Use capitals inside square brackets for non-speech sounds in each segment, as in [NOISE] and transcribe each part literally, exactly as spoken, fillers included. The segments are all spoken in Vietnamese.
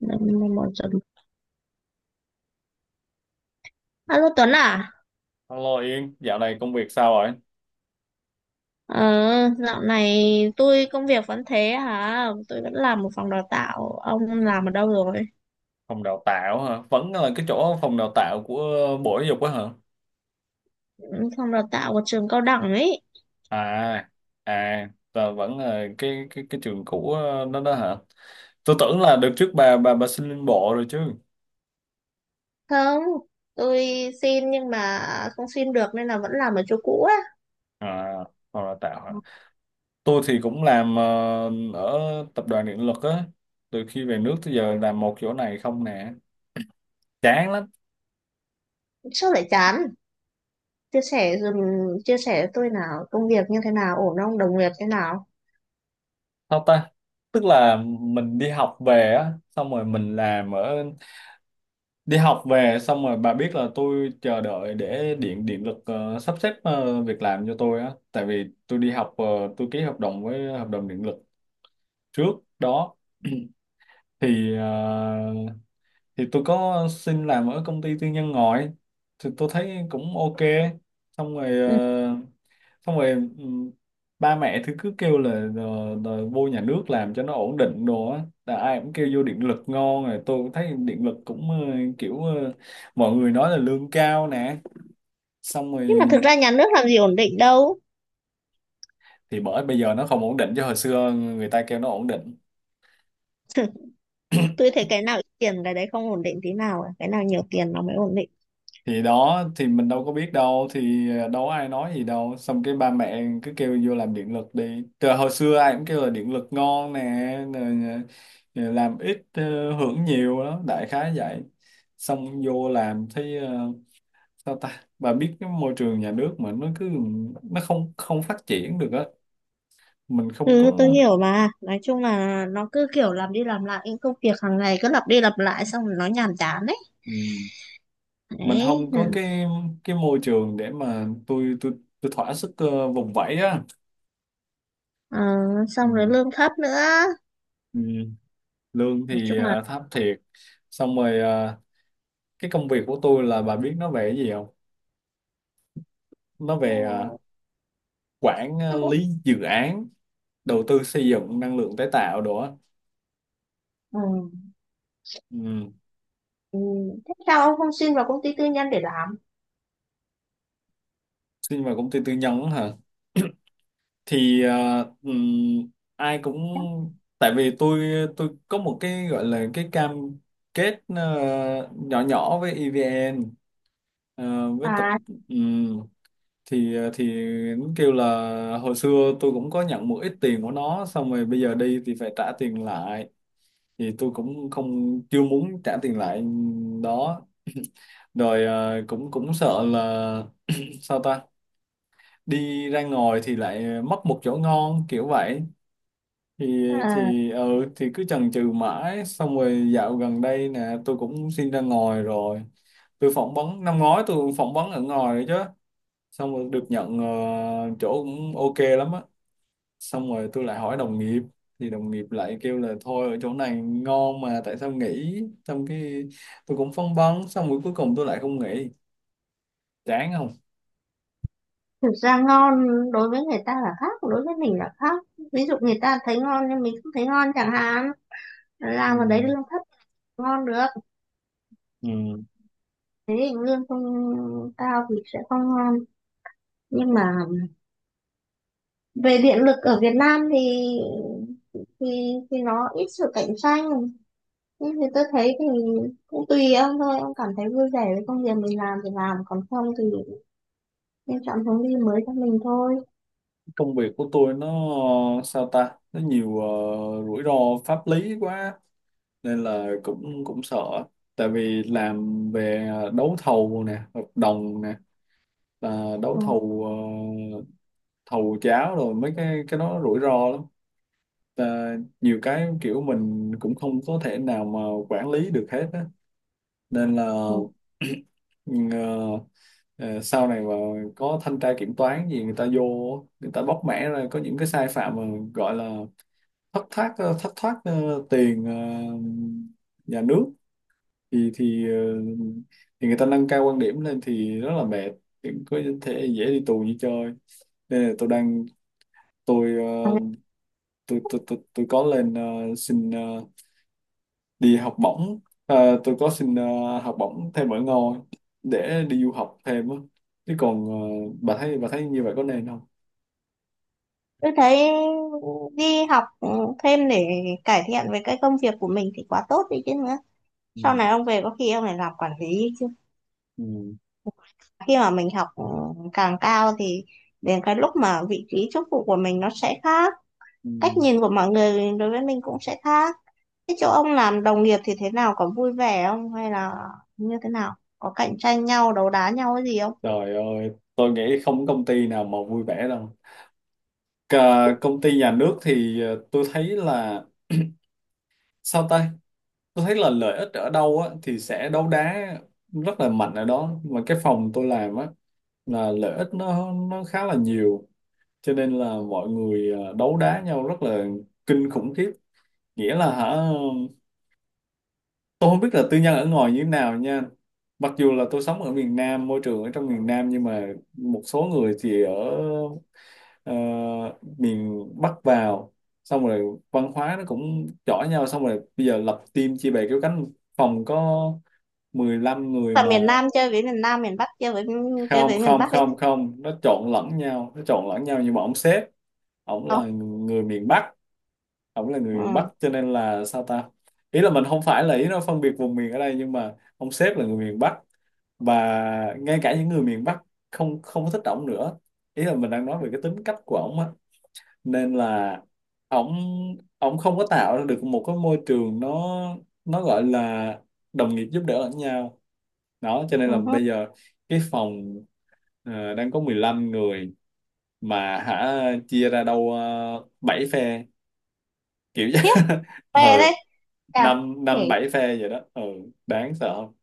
Năm năm bọn Tuấn. Alo Tuấn à? Alo Yên, dạo này công việc sao rồi? Ờ, dạo này tôi công việc vẫn thế hả? Tôi vẫn làm một phòng đào tạo. Ông làm ở đâu rồi? Phòng đào tạo hả? Vẫn là cái chỗ phòng đào tạo của Bộ Giáo dục á hả? Ừ, phòng đào tạo của trường cao đẳng ấy. À, à, và vẫn là cái cái cái trường cũ ờ, đó đó hả? Tôi tưởng là đợt trước bà bà bà xin lên bộ rồi chứ. Không, tôi xin nhưng mà không xin được nên là vẫn làm ở chỗ cũ á. À, phòng đào tạo hả? Tôi thì cũng làm ờ, ở tập đoàn điện lực á. Từ khi về nước tới giờ làm một chỗ này không nè. Chán lắm. Sao lại chán? Chia sẻ dùm, chia sẻ với tôi nào, công việc như thế nào, ổn không, đồng nghiệp thế nào? Sao ta? Tức là mình đi học về á, xong rồi mình làm ở đi học về xong rồi bà biết là tôi chờ đợi để điện điện lực ờ, sắp xếp ờ, việc làm cho tôi á, tại vì tôi đi học ờ, tôi ký hợp đồng với hợp đồng điện lực trước đó [CLEARS THROAT] thì ờ, thì tôi có xin làm ở công ty tư nhân ngoài, thì tôi thấy cũng ok, xong rồi Ừ. ờ, xong rồi ừ, ba mẹ thì cứ kêu là ờ, đòi vô nhà nước làm cho nó ổn định đồ á, là ai cũng kêu vô điện lực ngon, rồi tôi cũng thấy điện lực cũng ờ, kiểu ờ, mọi người nói là lương cao nè, xong rồi Nhưng mà thực ra nhà nước làm gì ổn định đâu. thì bởi bây giờ nó không ổn định chứ hồi xưa người ta kêu nó ổn định, Tôi thấy cái nào ít tiền cái đấy không ổn định tí nào, cả cái nào nhiều tiền nó mới ổn định. thì đó thì mình đâu có biết đâu, thì ờ, đâu có ai nói gì đâu, xong cái ba mẹ cứ kêu vô làm điện lực đi, từ hồi xưa ai cũng kêu là điện lực ngon nè, rồi, ờ, làm ít ờ, hưởng nhiều đó, đại khái vậy. Xong vô làm thấy ờ, sao ta, bà biết cái môi trường nhà nước mà nó cứ nó không không phát triển được á, mình không Ừ, tôi có, hiểu mà. Nói chung là nó cứ kiểu làm đi làm lại những công việc hàng ngày cứ lặp đi lặp lại xong rồi nó nhàm chán đấy. ừ, mình Đấy. không có cái cái môi trường để mà tôi tôi tôi thỏa sức ờ, vùng vẫy á. Ờ, xong rồi lương thấp nữa. Ừ. Lương Nói thì chung là ờ, thấp thiệt. Xong rồi ờ, cái công việc của tôi là bà biết nó về cái gì không? Nó ừ, về ờ, quản ờ, tôi cũng lý dự án đầu tư xây dựng năng lượng tái tạo đồ á. ừ. Ừ. Ừ. Thế sao ông không xin vào công ty tư nhân để làm? Xin vào công ty tư nhân á hả, thì ờ, ừm, ai cũng, tại vì tôi tôi có một cái gọi là cái cam kết ờ, nhỏ nhỏ với i vi en ờ, với tập, À, ừ, thì ờ, thì nó kêu là hồi xưa tôi cũng có nhận một ít tiền của nó, xong rồi bây giờ đi thì phải trả tiền lại, thì tôi cũng không, chưa muốn trả tiền lại, đó. Rồi à, cũng cũng sợ là sao ta, đi ra ngoài thì lại mất một chỗ ngon kiểu vậy, thì à, thì ừ thì cứ chần chừ mãi, xong rồi dạo gần đây nè tôi cũng xin ra ngoài rồi, tôi phỏng vấn năm ngoái, tôi phỏng vấn ở ngoài đấy chứ, xong rồi được nhận ờ, chỗ cũng ok lắm á, xong rồi tôi lại hỏi đồng nghiệp, thì đồng nghiệp lại kêu là thôi ở chỗ này ngon mà tại sao nghỉ, xong cái tôi cũng phân vân, xong rồi cuối cùng tôi lại không nghỉ, chán không. thực ra ngon đối với người ta là khác, đối với mình là khác. Ví dụ người ta thấy ngon nhưng mình không thấy ngon chẳng hạn. Làm ở đấy Ừ. lương thấp ngon được. Ừ. Thế thì lương không cao thì sẽ không ngon. Nhưng mà về điện lực ở Việt Nam thì thì thì nó ít sự cạnh tranh nhưng thì tôi thấy thì cũng tùy ông thôi, ông cảm thấy vui vẻ với công việc mình làm thì làm, còn không thì nên chọn hướng đi mới cho mình thôi. Công việc của tôi nó sao ta, nó nhiều ờ, rủi ro pháp lý quá, nên là cũng cũng sợ, tại vì làm về ờ, đấu thầu nè, hợp đồng nè, à, đấu Ừ. thầu ờ, thầu cháo, rồi mấy cái cái đó rủi ro lắm. Và nhiều cái kiểu mình cũng không có thể nào mà quản lý được hết á, nên là Ừ. [CLEARS THROAT] ờ, ờ, sau này mà có thanh tra kiểm toán gì người ta vô, người ta bóc mẽ ra có những cái sai phạm mà gọi là thất thoát ờ, thất thoát ờ, tiền ờ, nhà nước, thì thì ờ, thì người ta nâng cao quan điểm lên thì rất là mệt, thì có thể dễ đi tù như chơi, nên là tôi đang, tôi ờ, tôi tôi tôi, tôi có lên ờ, xin ờ, đi học bổng. Ờ, tôi có xin ờ, học bổng thêm ở ngôi để đi du học thêm á, chứ còn ờ, bà thấy bà thấy như vậy có nên không? Tôi thấy đi học thêm để cải thiện về cái công việc của mình thì quá tốt đi chứ nữa. Sau này Ừ. ông về có khi ông lại làm quản lý chứ. Ừ. Khi mà mình học ừ, càng cao thì đến cái lúc mà vị trí chức vụ của mình nó sẽ khác, Ừ. cách nhìn của mọi người đối với mình cũng sẽ khác. Thế chỗ ông làm đồng nghiệp thì thế nào? Có vui vẻ không? Hay là như thế nào? Có cạnh tranh nhau, đấu đá nhau cái gì không? Trời ơi tôi nghĩ không có công ty nào mà vui vẻ đâu. Cả công ty nhà nước thì ờ, tôi thấy là sao ta, tôi thấy là lợi ích ở đâu á thì sẽ đấu đá rất là mạnh ở đó, mà cái phòng tôi làm á là lợi ích nó nó khá là nhiều, cho nên là mọi người ờ, đấu đá nhau rất là kinh khủng khiếp, nghĩa là hả, tôi không biết là tư nhân ở ngoài như thế nào nha, mặc dù là tôi sống ở miền Nam, môi trường ở trong miền Nam nhưng mà một số người thì ở ờ, miền Bắc vào, xong rồi văn hóa nó cũng chỏ nhau, xong rồi bây giờ lập team chia bè kéo cánh, phòng có mười lăm người Là miền mà Nam chơi với miền Nam, miền Bắc chơi với chơi không với miền không Bắc ấy không không, nó trộn lẫn nhau, nó trộn lẫn nhau nhưng mà ông sếp, ổng không? là người miền Bắc, ổng là người Ừ. Bắc, cho nên là sao ta, ý là mình không phải là ý nó phân biệt vùng miền ở đây, nhưng mà ông sếp là người miền Bắc, và ngay cả những người miền Bắc không không có thích ổng nữa, ý là mình đang nói về cái tính cách của ổng á, nên là ổng ổng không có tạo ra được một cái môi trường nó nó gọi là đồng nghiệp giúp đỡ lẫn nhau đó, cho nên là Ừ. bây giờ cái phòng ờ, đang có mười lăm người mà hả, chia ra đâu uh, bảy phe kiểu [LAUGHS] Khiếp, vậy. về đây. Ừ, À, năm kể năm bảy phe vậy đó, ừ, đáng sợ không.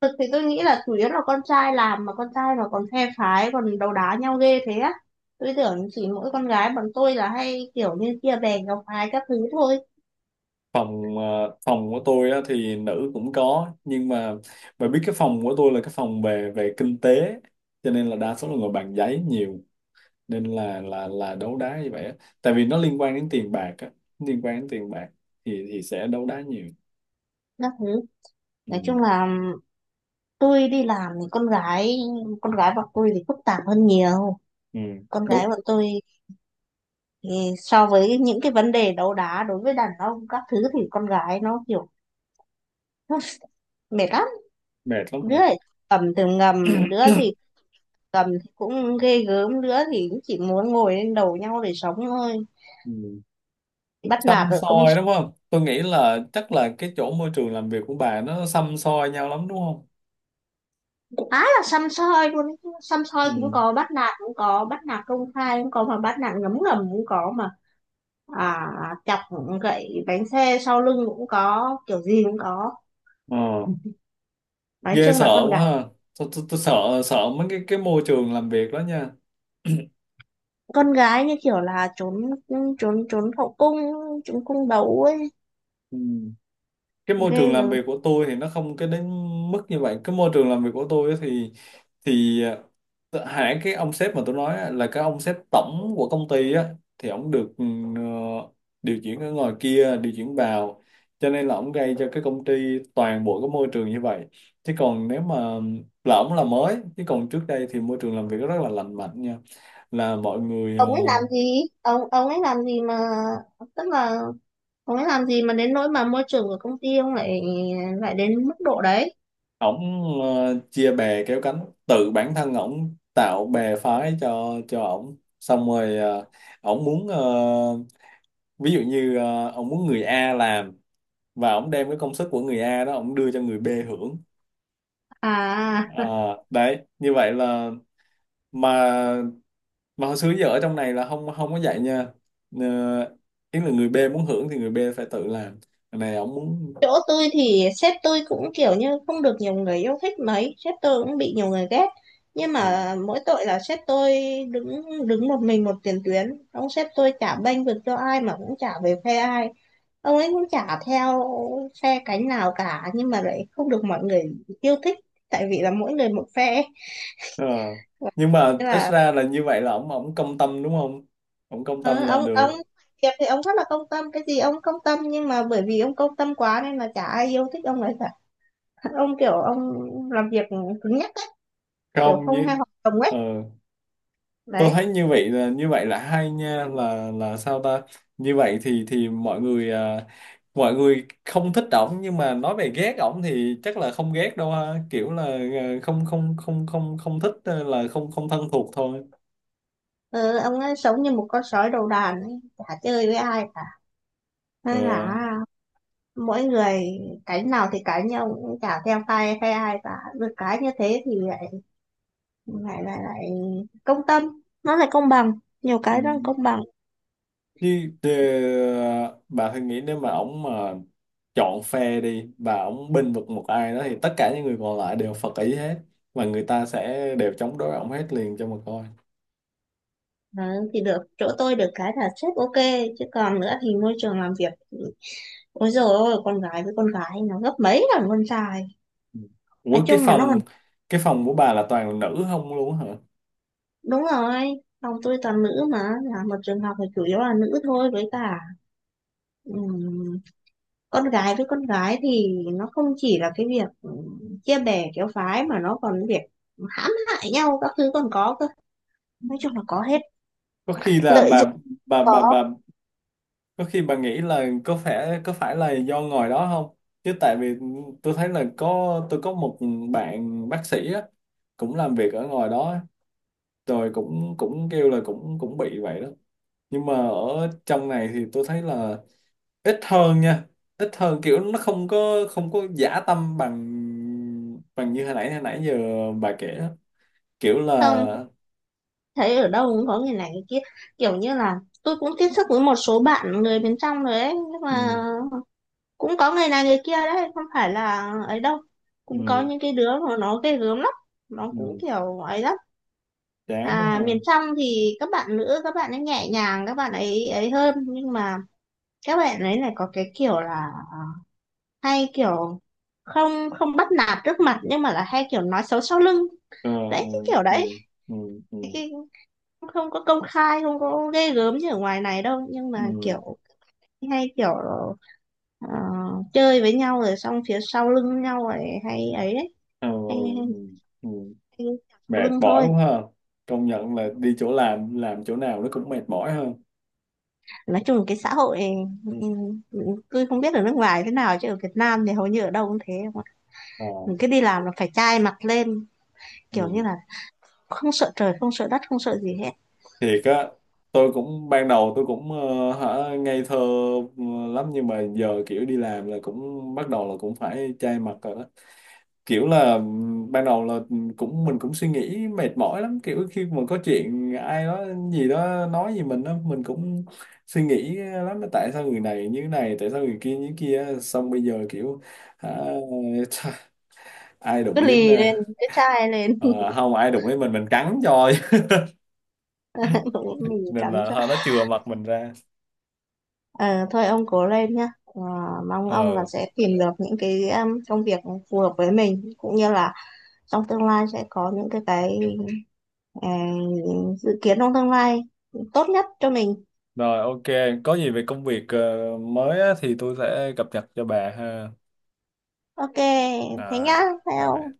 thực thì tôi nghĩ là chủ yếu là con trai làm mà con trai mà còn phe phái, còn đấu đá nhau ghê thế á. Tôi tưởng chỉ mỗi con gái bọn tôi là hay kiểu như kia bè gặp phái các thứ thôi. Phòng ờ, phòng của tôi á, thì nữ cũng có, nhưng mà bà biết cái phòng của tôi là cái phòng về về kinh tế, cho nên là đa số là ngồi bàn giấy nhiều, nên là là là đấu đá như vậy á. Tại vì nó liên quan đến tiền bạc á, liên quan đến tiền bạc thì thì sẽ đấu đá nhiều, Các thứ. ừ, Nói chung là tôi đi làm thì con gái con gái bọn tôi thì phức tạp hơn nhiều, ừ, con đúng, gái bọn tôi thì so với những cái vấn đề đấu đá đối với đàn ông các thứ thì con gái nó kiểu [LAUGHS] mệt lắm. mệt lắm Đứa hả. thì cầm từ ngầm, đứa thì cầm thì cũng ghê gớm, đứa thì cũng chỉ muốn ngồi lên đầu nhau để sống thôi. Ừ. Bắt nạt Xăm ở công, soi đúng không, tôi nghĩ là chắc là cái chỗ môi trường làm việc của bà nó xăm soi nhau lắm đúng không, khá là săm soi luôn ấy. Săm soi cũng ừ, có, bắt nạt cũng có, bắt nạt công khai cũng có mà bắt nạt ngấm ngầm cũng có mà. À, chọc gậy bánh xe sau lưng cũng có, kiểu gì cũng có. ờ, Nói ghê chung sợ là con quá gái, ha, tôi, tôi, tôi sợ, sợ mấy cái cái môi trường làm việc đó nha. con gái như kiểu là trốn, trốn trốn hậu cung, trốn cung đấu ấy. Ừ. Cái môi trường Ghê làm rồi. việc của tôi thì nó không cái đến mức như vậy, cái môi trường làm việc của tôi á thì, thì ờ, hãng cái ông sếp mà tôi nói á, là cái ông sếp tổng của công ty á, thì ông được ừ, ờ, điều chuyển ở ngoài kia điều chuyển vào, cho nên là ông gây cho cái công ty toàn bộ cái môi trường như vậy, chứ còn nếu mà, là ổng là mới, chứ còn trước đây thì môi trường làm việc rất là lành mạnh nha, là mọi người ờ, Ông ấy làm gì, ông ông ấy làm gì mà, tức là ông ấy làm gì mà đến nỗi mà môi trường của công ty ông lại, lại đến mức độ đấy. ổng ờ, chia bè kéo cánh, tự bản thân ổng tạo bè phái cho cho ổng, xong rồi ờ, ổng muốn ờ, ví dụ như ờ, ổng muốn người A làm, và ổng đem cái công sức của người A đó ổng đưa cho người B hưởng. À, Ờ, đấy như vậy là, mà mà hồi xưa giờ ở trong này là không không có vậy nha, uh, ý là người B muốn hưởng thì người B phải tự làm. Cái này ổng muốn. chỗ tôi thì sếp tôi cũng kiểu như không được nhiều người yêu thích mấy, sếp tôi cũng bị nhiều người ghét, nhưng Ừ. mà mỗi tội là sếp tôi đứng đứng một mình một tiền tuyến, ông sếp tôi chả bênh vực cho ai mà cũng chả về phe ai, ông ấy cũng chả theo phe cánh nào cả nhưng mà lại không được mọi người yêu thích tại vì là mỗi người một phe. Ờ. Nhưng mà Thế ít là ra là như vậy là ổng ổng công tâm đúng không? Ổng công tâm ờ, là ông được. ông việc thì ông rất là công tâm, cái gì ông công tâm nhưng mà bởi vì ông công tâm quá nên là chả ai yêu thích ông ấy cả. Ông kiểu ông làm việc cứng nhắc ấy, kiểu Không không như hay hoạt động ấy. ờ, tôi Đấy. thấy như vậy là, như vậy là hay nha, là là sao ta? Như vậy thì thì mọi người à, mọi người không thích ổng nhưng mà nói về ghét ổng thì chắc là không ghét đâu ha, kiểu là à, không không không không không thích, ờ, là không không thân thuộc thôi. Ừ, ông ấy sống như một con sói đầu đàn ấy, chả chơi với ai cả Ờ. nên là mỗi người cánh nào thì cánh nhưng ông cũng chả theo phe phe ai cả. Được cái như thế thì lại lại lại, lại công tâm, nó lại công bằng, nhiều Ừ. cái đang công bằng. Như ờ, bà thử nghĩ nếu mà ổng mà chọn phe đi và ổng bênh vực một ai đó, thì tất cả những người còn lại đều phật ý hết, và người ta sẽ đều chống đối ổng hết liền cho mà coi. Ừ, thì được chỗ tôi được cái là sếp ok, chứ còn nữa thì môi trường làm việc thì- ôi dồi ôi, con gái với con gái nó gấp mấy lần con trai. Ừ. Nói Ủa cái chung là nó. phòng, cái phòng của bà là toàn nữ không luôn hả? Đúng rồi, phòng tôi toàn nữ mà, là một trường học thì chủ yếu là nữ thôi, với cả ừm, con gái với con gái thì nó không chỉ là cái việc ừm, chia bè kéo phái mà nó còn việc hãm hại nhau các thứ còn có cơ. Nói chung là có hết, Có khi là lợi dụng bà, bà bà có, bà có khi bà nghĩ là có phải, có phải là do ngồi đó không? Chứ tại vì tôi thấy là có, tôi có một bạn bác sĩ á cũng làm việc ở ngoài đó á, rồi cũng cũng kêu là cũng cũng bị vậy đó, nhưng mà ở trong này thì tôi thấy là ít hơn nha, ít hơn, kiểu nó không có, không có dã tâm bằng, bằng như hồi nãy hồi nãy giờ bà kể đó, kiểu là không, thấy ở đâu cũng có người này người kia. Kiểu như là tôi cũng tiếp xúc với một số bạn người bên trong rồi ấy, nhưng mà ừ, cũng có người này người kia đấy, không phải là ấy đâu, cũng có ừ, những cái đứa mà nó ghê gớm lắm, nó cũng ừ, kiểu ấy lắm. chán quá À, ha, miền trong thì các bạn nữ, các bạn ấy nhẹ nhàng, các bạn ấy ấy hơn nhưng mà các bạn ấy lại có cái kiểu là à, hay kiểu không không bắt nạt trước mặt nhưng mà là hay kiểu nói xấu sau lưng. ờ, Đấy ừ, cái kiểu đấy, ừ, ừ, ừ, cái, không có công khai, không có ghê gớm như ở ngoài này đâu nhưng ừ, mà kiểu hay kiểu ờ, chơi với nhau rồi xong phía sau lưng nhau rồi hay ấy đấy, ờ, hay, hay, ừ, ừ, hay sau mệt lưng mỏi thôi. quá ha, công nhận là đi chỗ làm làm chỗ nào nó cũng mệt mỏi hơn, Nói chung cái xã hội ừm, tôi không biết ở nước ngoài thế nào chứ ở Việt Nam thì hầu như ở đâu cũng thế không ạ? ờ, Mình cứ đi làm là phải chai mặt lên, kiểu ừ. như là không sợ trời không sợ đất không sợ gì hết, Thiệt á, tôi cũng ban đầu tôi cũng ờ, hả ngây thơ, ừ, lắm nhưng mà giờ kiểu đi làm là cũng bắt đầu là cũng phải chai mặt rồi đó, kiểu là ừm, ban đầu là ừ, cũng mình cũng suy nghĩ mệt mỏi lắm, kiểu khi mà có chuyện ai đó gì đó nói gì mình á, mình cũng suy nghĩ lắm là tại sao người này như này, tại sao người kia như kia, xong bây giờ kiểu hả, [LAUGHS] ai cứ đụng đến lì ờ, lên cứ chai lên. ờ, không ai đụng đến mình mình cắn cho, [LAUGHS] Mình [LAUGHS] nên cắm là cho. thôi, nó chừa mặt mình ra, Ờ, thôi ông cố lên nhá. Ờ, mong ông là ờ. sẽ tìm được những cái um, công việc phù hợp với mình cũng như là trong tương lai sẽ có những cái cái ờ, dự kiến trong tương lai tốt nhất cho mình. Rồi ok, có gì về công việc ờ, mới á, thì tôi sẽ cập nhật cho bà ha. Ok, thế nhá Rồi, rồi. theo